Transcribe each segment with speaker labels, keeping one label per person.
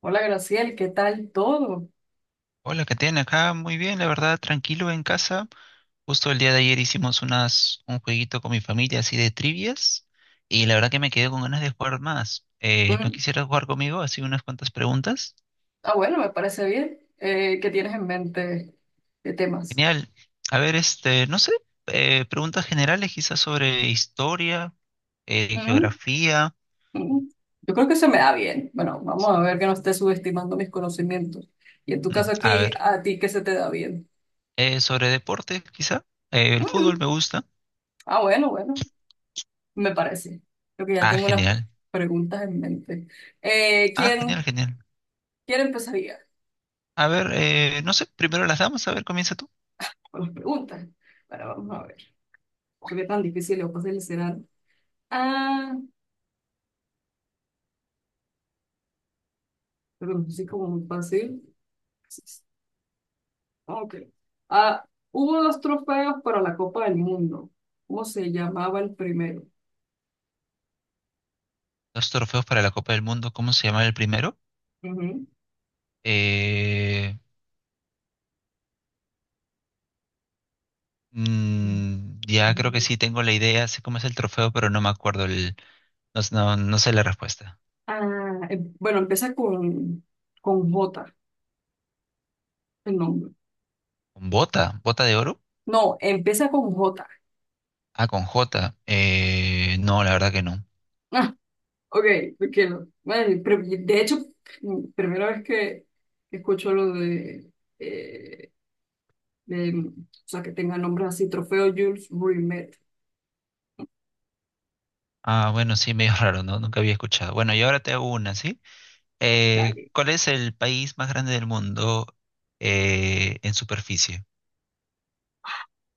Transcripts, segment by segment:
Speaker 1: Hola Graciel, ¿qué tal todo?
Speaker 2: Hola, ¿qué tiene acá? Muy bien, la verdad, tranquilo en casa. Justo el día de ayer hicimos un jueguito con mi familia así de trivias y la verdad que me quedé con ganas de jugar más. ¿No
Speaker 1: Mm,
Speaker 2: quisieras jugar conmigo? Así unas cuantas preguntas.
Speaker 1: Bueno, me parece bien. ¿Qué tienes en mente de temas?
Speaker 2: Genial. A ver, este, no sé, preguntas generales quizás sobre historia,
Speaker 1: Mm,
Speaker 2: geografía.
Speaker 1: mm. Yo creo que se me da bien. Bueno, vamos a ver que no esté subestimando mis conocimientos. Y en tu caso
Speaker 2: A
Speaker 1: aquí,
Speaker 2: ver,
Speaker 1: ¿a ti qué se te da bien?
Speaker 2: sobre deporte quizá. El fútbol
Speaker 1: Mm,
Speaker 2: me gusta.
Speaker 1: Bueno, bueno, me parece. Creo que ya
Speaker 2: Ah,
Speaker 1: tengo unas
Speaker 2: genial.
Speaker 1: preguntas en mente. Eh,
Speaker 2: Ah, genial,
Speaker 1: ¿quién,
Speaker 2: genial.
Speaker 1: Quién empezaría
Speaker 2: A ver, no sé, primero las damos, a ver, comienza tú.
Speaker 1: con las preguntas? Bueno, vamos a ver. ¿Qué tan difícil o fácil serán? Ah, pero no sé cómo muy fácil. Ah, ok. Ah, Hubo dos trofeos para la Copa del Mundo. ¿Cómo se llamaba el primero?
Speaker 2: Dos trofeos para la Copa del Mundo. ¿Cómo se llama el primero?
Speaker 1: Ujú.
Speaker 2: Eh, ya creo que sí tengo la idea, sé cómo es el trofeo, pero no me acuerdo el, no sé la respuesta.
Speaker 1: Bueno, con J, el nombre.
Speaker 2: ¿Con bota? ¿Bota de oro?
Speaker 1: No, empieza con J.
Speaker 2: Ah, con J. No, la verdad que no.
Speaker 1: Ah, ok, porque no. Bueno, pero de hecho, primera vez que escucho lo eh, de, que tenga nombres así, Trofeo Jules Rimet.
Speaker 2: Ah, bueno, sí, medio raro, ¿no? Nunca había escuchado. Bueno, y ahora te hago una, ¿sí? Eh,
Speaker 1: Dale.
Speaker 2: ¿cuál es el país más grande del mundo en superficie?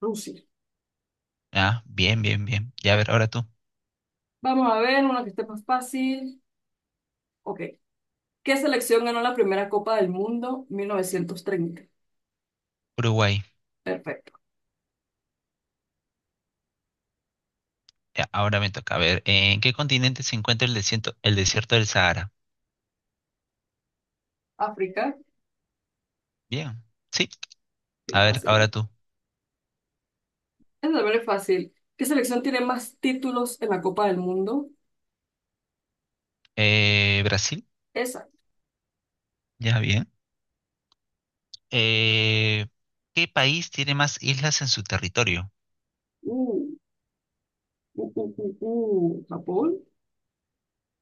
Speaker 1: Rusia.
Speaker 2: Ah, bien, bien, bien. Ya, a ver, ahora tú.
Speaker 1: Vamos a ver una que esté más fácil. Ok, ¿qué selección ganó la primera Copa del Mundo 1930?
Speaker 2: Uruguay.
Speaker 1: Perfecto.
Speaker 2: Ya, ahora me toca ver, ¿En qué continente se encuentra el desierto del Sahara?
Speaker 1: África,
Speaker 2: Bien, sí.
Speaker 1: sí,
Speaker 2: A ver, ahora
Speaker 1: fácil.
Speaker 2: tú.
Speaker 1: Es también fácil. ¿Qué selección tiene más títulos en la Copa del Mundo?
Speaker 2: Brasil,
Speaker 1: Esa.
Speaker 2: ya bien. Eh, ¿qué país tiene más islas en su territorio?
Speaker 1: Uh, ¿Japón?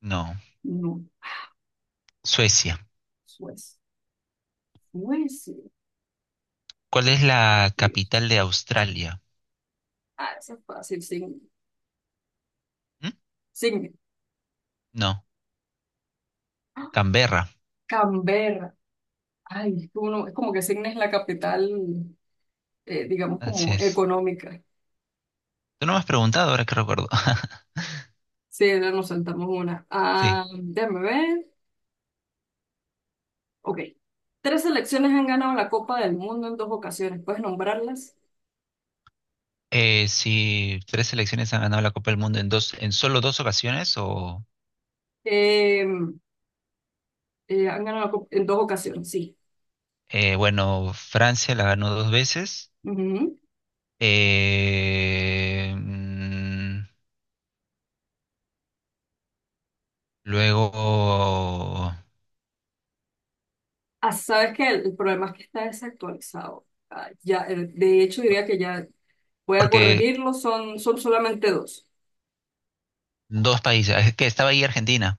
Speaker 2: No.
Speaker 1: No.
Speaker 2: Suecia.
Speaker 1: Suecia. Suecia.
Speaker 2: ¿Cuál es la
Speaker 1: Curioso.
Speaker 2: capital de Australia?
Speaker 1: Ah, esa es fácil. Signe.
Speaker 2: ¿Mm?
Speaker 1: Signe.
Speaker 2: No.
Speaker 1: ¡Ah!
Speaker 2: Canberra.
Speaker 1: Canberra. Ay, uno, es como que Signe es la capital, digamos,
Speaker 2: Así
Speaker 1: como
Speaker 2: es.
Speaker 1: económica.
Speaker 2: Tú no me has preguntado, ahora que recuerdo.
Speaker 1: Sí, ahora nos saltamos una.
Speaker 2: Sí.
Speaker 1: Ah, déjame ver. Ok. Tres selecciones han ganado la Copa del Mundo en dos ocasiones. ¿Puedes nombrarlas?
Speaker 2: Si tres selecciones han ganado la Copa del Mundo en dos, en solo dos ocasiones, o
Speaker 1: Eh, han ganado la Copa en dos ocasiones, sí.
Speaker 2: bueno, Francia la ganó dos veces.
Speaker 1: Ujú.
Speaker 2: Eh, mm, luego,
Speaker 1: Ah, sabes que el problema es que está desactualizado. Ya, de hecho, diría que ya voy a
Speaker 2: porque
Speaker 1: corregirlo. Son solamente dos.
Speaker 2: dos países, es que estaba ahí Argentina.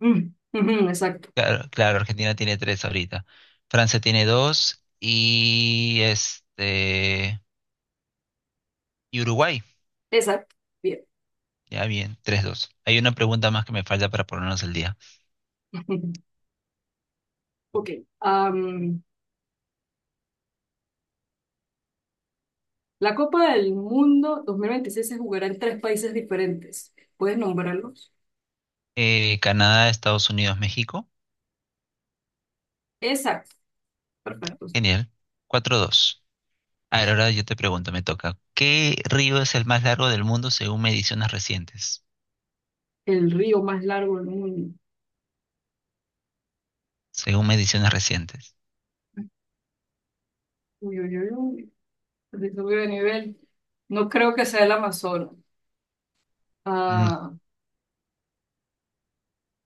Speaker 1: Mm, ujú, exacto.
Speaker 2: Claro, claro, Argentina tiene tres ahorita. Francia tiene dos y este y Uruguay.
Speaker 1: Exacto. Bien.
Speaker 2: Ya bien, tres, dos. Hay una pregunta más que me falta para ponernos al día.
Speaker 1: Ok. Am, la Copa del Mundo 2026 se jugará en tres países diferentes. ¿Puedes nombrarlos?
Speaker 2: Canadá, Estados Unidos, México.
Speaker 1: Exacto. Perfecto.
Speaker 2: Genial. Cuatro, dos. A ver, ahora yo te pregunto, me toca. ¿Qué río es el más largo del mundo según mediciones recientes?
Speaker 1: El río más largo del mundo.
Speaker 2: Según mediciones recientes.
Speaker 1: Uy, uy, uy, uy. Se subió de nivel. No creo que sea el Amazonas.
Speaker 2: Mm,
Speaker 1: Ah,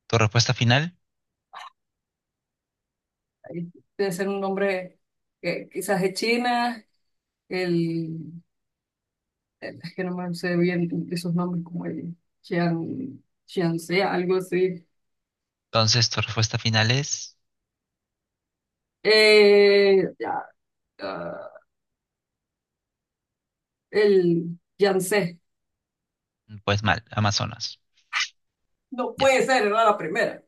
Speaker 2: ¿Tu respuesta final?
Speaker 1: ahí debe ser un nombre que quizás de China, el, es que no me sé bien esos nombres como el Chiang, Chiangse, algo así.
Speaker 2: Entonces, tu respuesta final es,
Speaker 1: Eh, ya, ah, el Yangtze.
Speaker 2: pues mal, Amazonas.
Speaker 1: No
Speaker 2: Ya,
Speaker 1: puede ser, era la primera.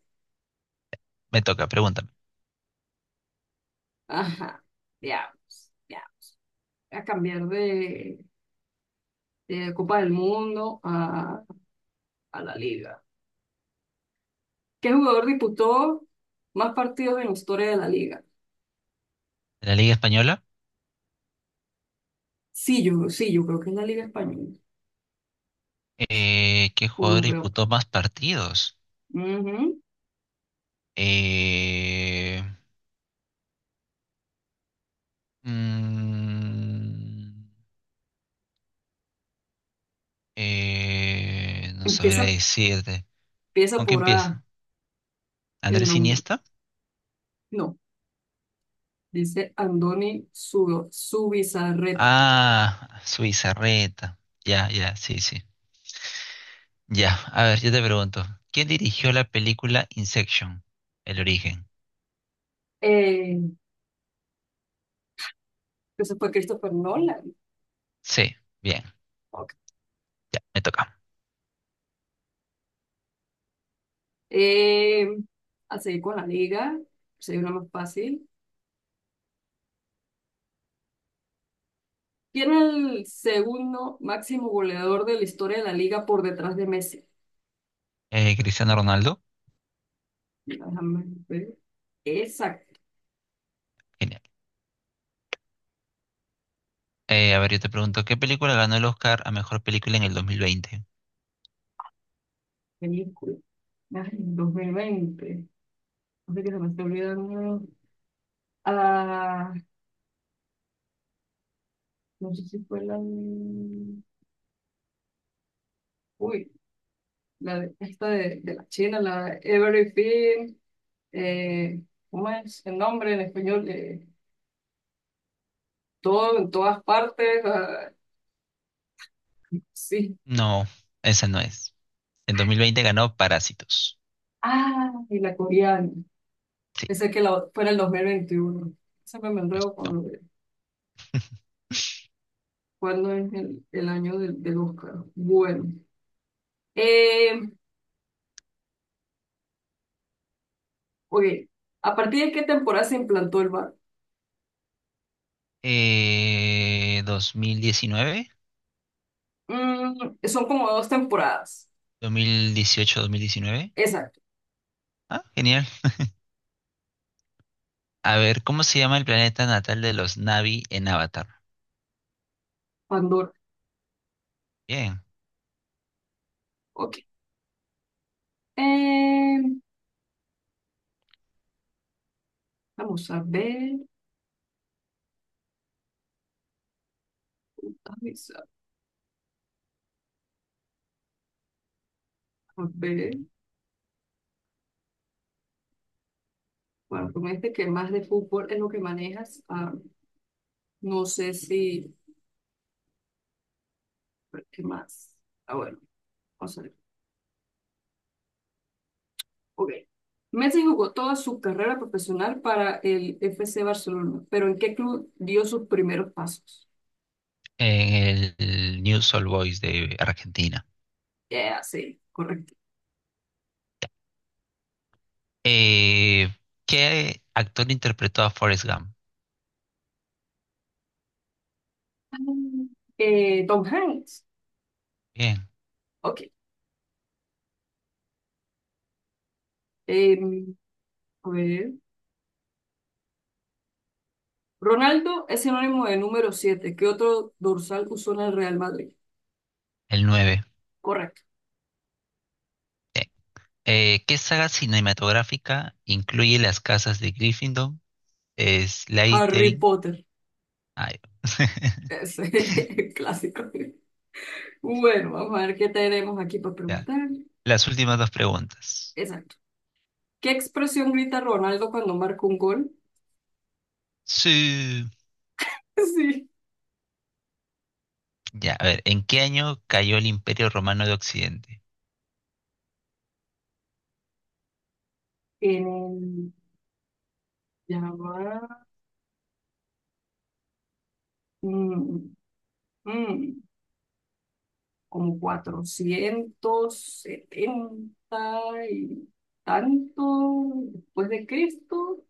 Speaker 2: me toca, pregúntame.
Speaker 1: Ajá, ya, ya. Voy a cambiar de Copa del Mundo a la liga. ¿Qué jugador disputó más partidos en la historia de la liga?
Speaker 2: De la Liga Española,
Speaker 1: Sí, yo, sí, yo creo que es la liga española,
Speaker 2: ¿qué jugador
Speaker 1: europeo.
Speaker 2: disputó más partidos?
Speaker 1: Ujú.
Speaker 2: Eh, mm, no sabría
Speaker 1: Empieza,
Speaker 2: decirte.
Speaker 1: empieza
Speaker 2: ¿Con qué
Speaker 1: por A
Speaker 2: empieza?
Speaker 1: el
Speaker 2: ¿Andrés
Speaker 1: nombre.
Speaker 2: Iniesta?
Speaker 1: No, dice Andoni Zubizarreta.
Speaker 2: Ah, Suizarreta. Ya, ya, sí, sí. Ya, a ver, yo te pregunto, ¿quién dirigió la película Inception? El origen.
Speaker 1: Eh, entonces fue Christopher Nolan.
Speaker 2: Sí. Bien.
Speaker 1: Ok.
Speaker 2: Ya, me toca.
Speaker 1: Eh, a seguir con la liga, sería una más fácil. ¿Quién es el segundo máximo goleador de la historia de la liga por detrás de Messi?
Speaker 2: Cristiano Ronaldo.
Speaker 1: Déjame ver. Esa
Speaker 2: Genial. A ver, yo te pregunto, ¿qué película ganó el Oscar a mejor película en el 2020?
Speaker 1: película. Ay, 2020. No sé qué se me está olvidando. Ah, no sé si fue Uy, la de, de la China, la de Everything. eh, ¿Cómo es el nombre en español? Todo, en todas partes. Ah, sí.
Speaker 2: No, esa no es. En 2020 ganó Parásitos.
Speaker 1: Ah, y la coreana.
Speaker 2: Sí,
Speaker 1: Pensé que fuera el 2021. Siempre me
Speaker 2: pues
Speaker 1: enredo con
Speaker 2: no.
Speaker 1: lo de cuándo es el año del Oscar. Bueno. eh, Ok, ¿a partir de qué temporada se implantó el bar?
Speaker 2: 2019,
Speaker 1: Mm, son como dos temporadas.
Speaker 2: 2018, 2019.
Speaker 1: Exacto.
Speaker 2: Ah, genial. A ver, ¿cómo se llama el planeta natal de los Na'vi en Avatar?
Speaker 1: Pandora.
Speaker 2: Bien,
Speaker 1: Ok. Eh, vamos a ver. Vamos a ver. Bueno, tú me dijiste que más de fútbol es lo que manejas. Ah, no sé si. ¿Qué más? Ah, bueno, vamos a ver. Ok. Messi jugó toda su carrera profesional para el FC Barcelona, pero ¿en qué club dio sus primeros pasos?
Speaker 2: en el New Soul Boys de Argentina.
Speaker 1: Ya, sí, correcto.
Speaker 2: Eh, ¿qué actor interpretó a Forrest Gump?
Speaker 1: Ah, Tom Hanks.
Speaker 2: Bien,
Speaker 1: Ok. Eh, a ver. Ronaldo es sinónimo de número siete. ¿Qué otro dorsal usó en el Real Madrid?
Speaker 2: el 9.
Speaker 1: Correcto.
Speaker 2: ¿Qué saga cinematográfica incluye las casas de Gryffindor,
Speaker 1: Harry
Speaker 2: Slytherin?
Speaker 1: Potter.
Speaker 2: Ay,
Speaker 1: Ese es clásico. Bueno, vamos a ver qué tenemos aquí para
Speaker 2: ya.
Speaker 1: preguntar.
Speaker 2: Las últimas dos preguntas.
Speaker 1: Exacto. ¿Qué expresión grita Ronaldo cuando marca un gol?
Speaker 2: Sí.
Speaker 1: Sí.
Speaker 2: Ya, a ver, ¿en qué año cayó el Imperio Romano de Occidente?
Speaker 1: En el... Ya va. mm, mm, Como 470 y tanto después de Cristo.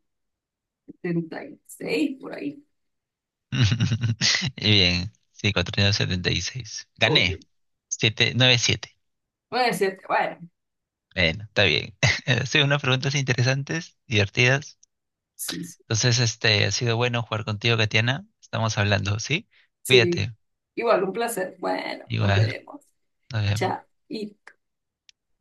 Speaker 1: 76, por ahí.
Speaker 2: Bien, sí, 476.
Speaker 1: Ok.
Speaker 2: Gané. Siete, nueve, siete.
Speaker 1: Noventa y siete, bueno,
Speaker 2: Bueno, está bien. Hacen unas preguntas interesantes, divertidas.
Speaker 1: sí, sí.
Speaker 2: Entonces, este, ha sido bueno jugar contigo, Katiana. Estamos hablando, ¿sí?
Speaker 1: Sí.
Speaker 2: Cuídate.
Speaker 1: Igual un placer. Bueno, nos
Speaker 2: Igual,
Speaker 1: veremos.
Speaker 2: nos vemos.
Speaker 1: Chao. Y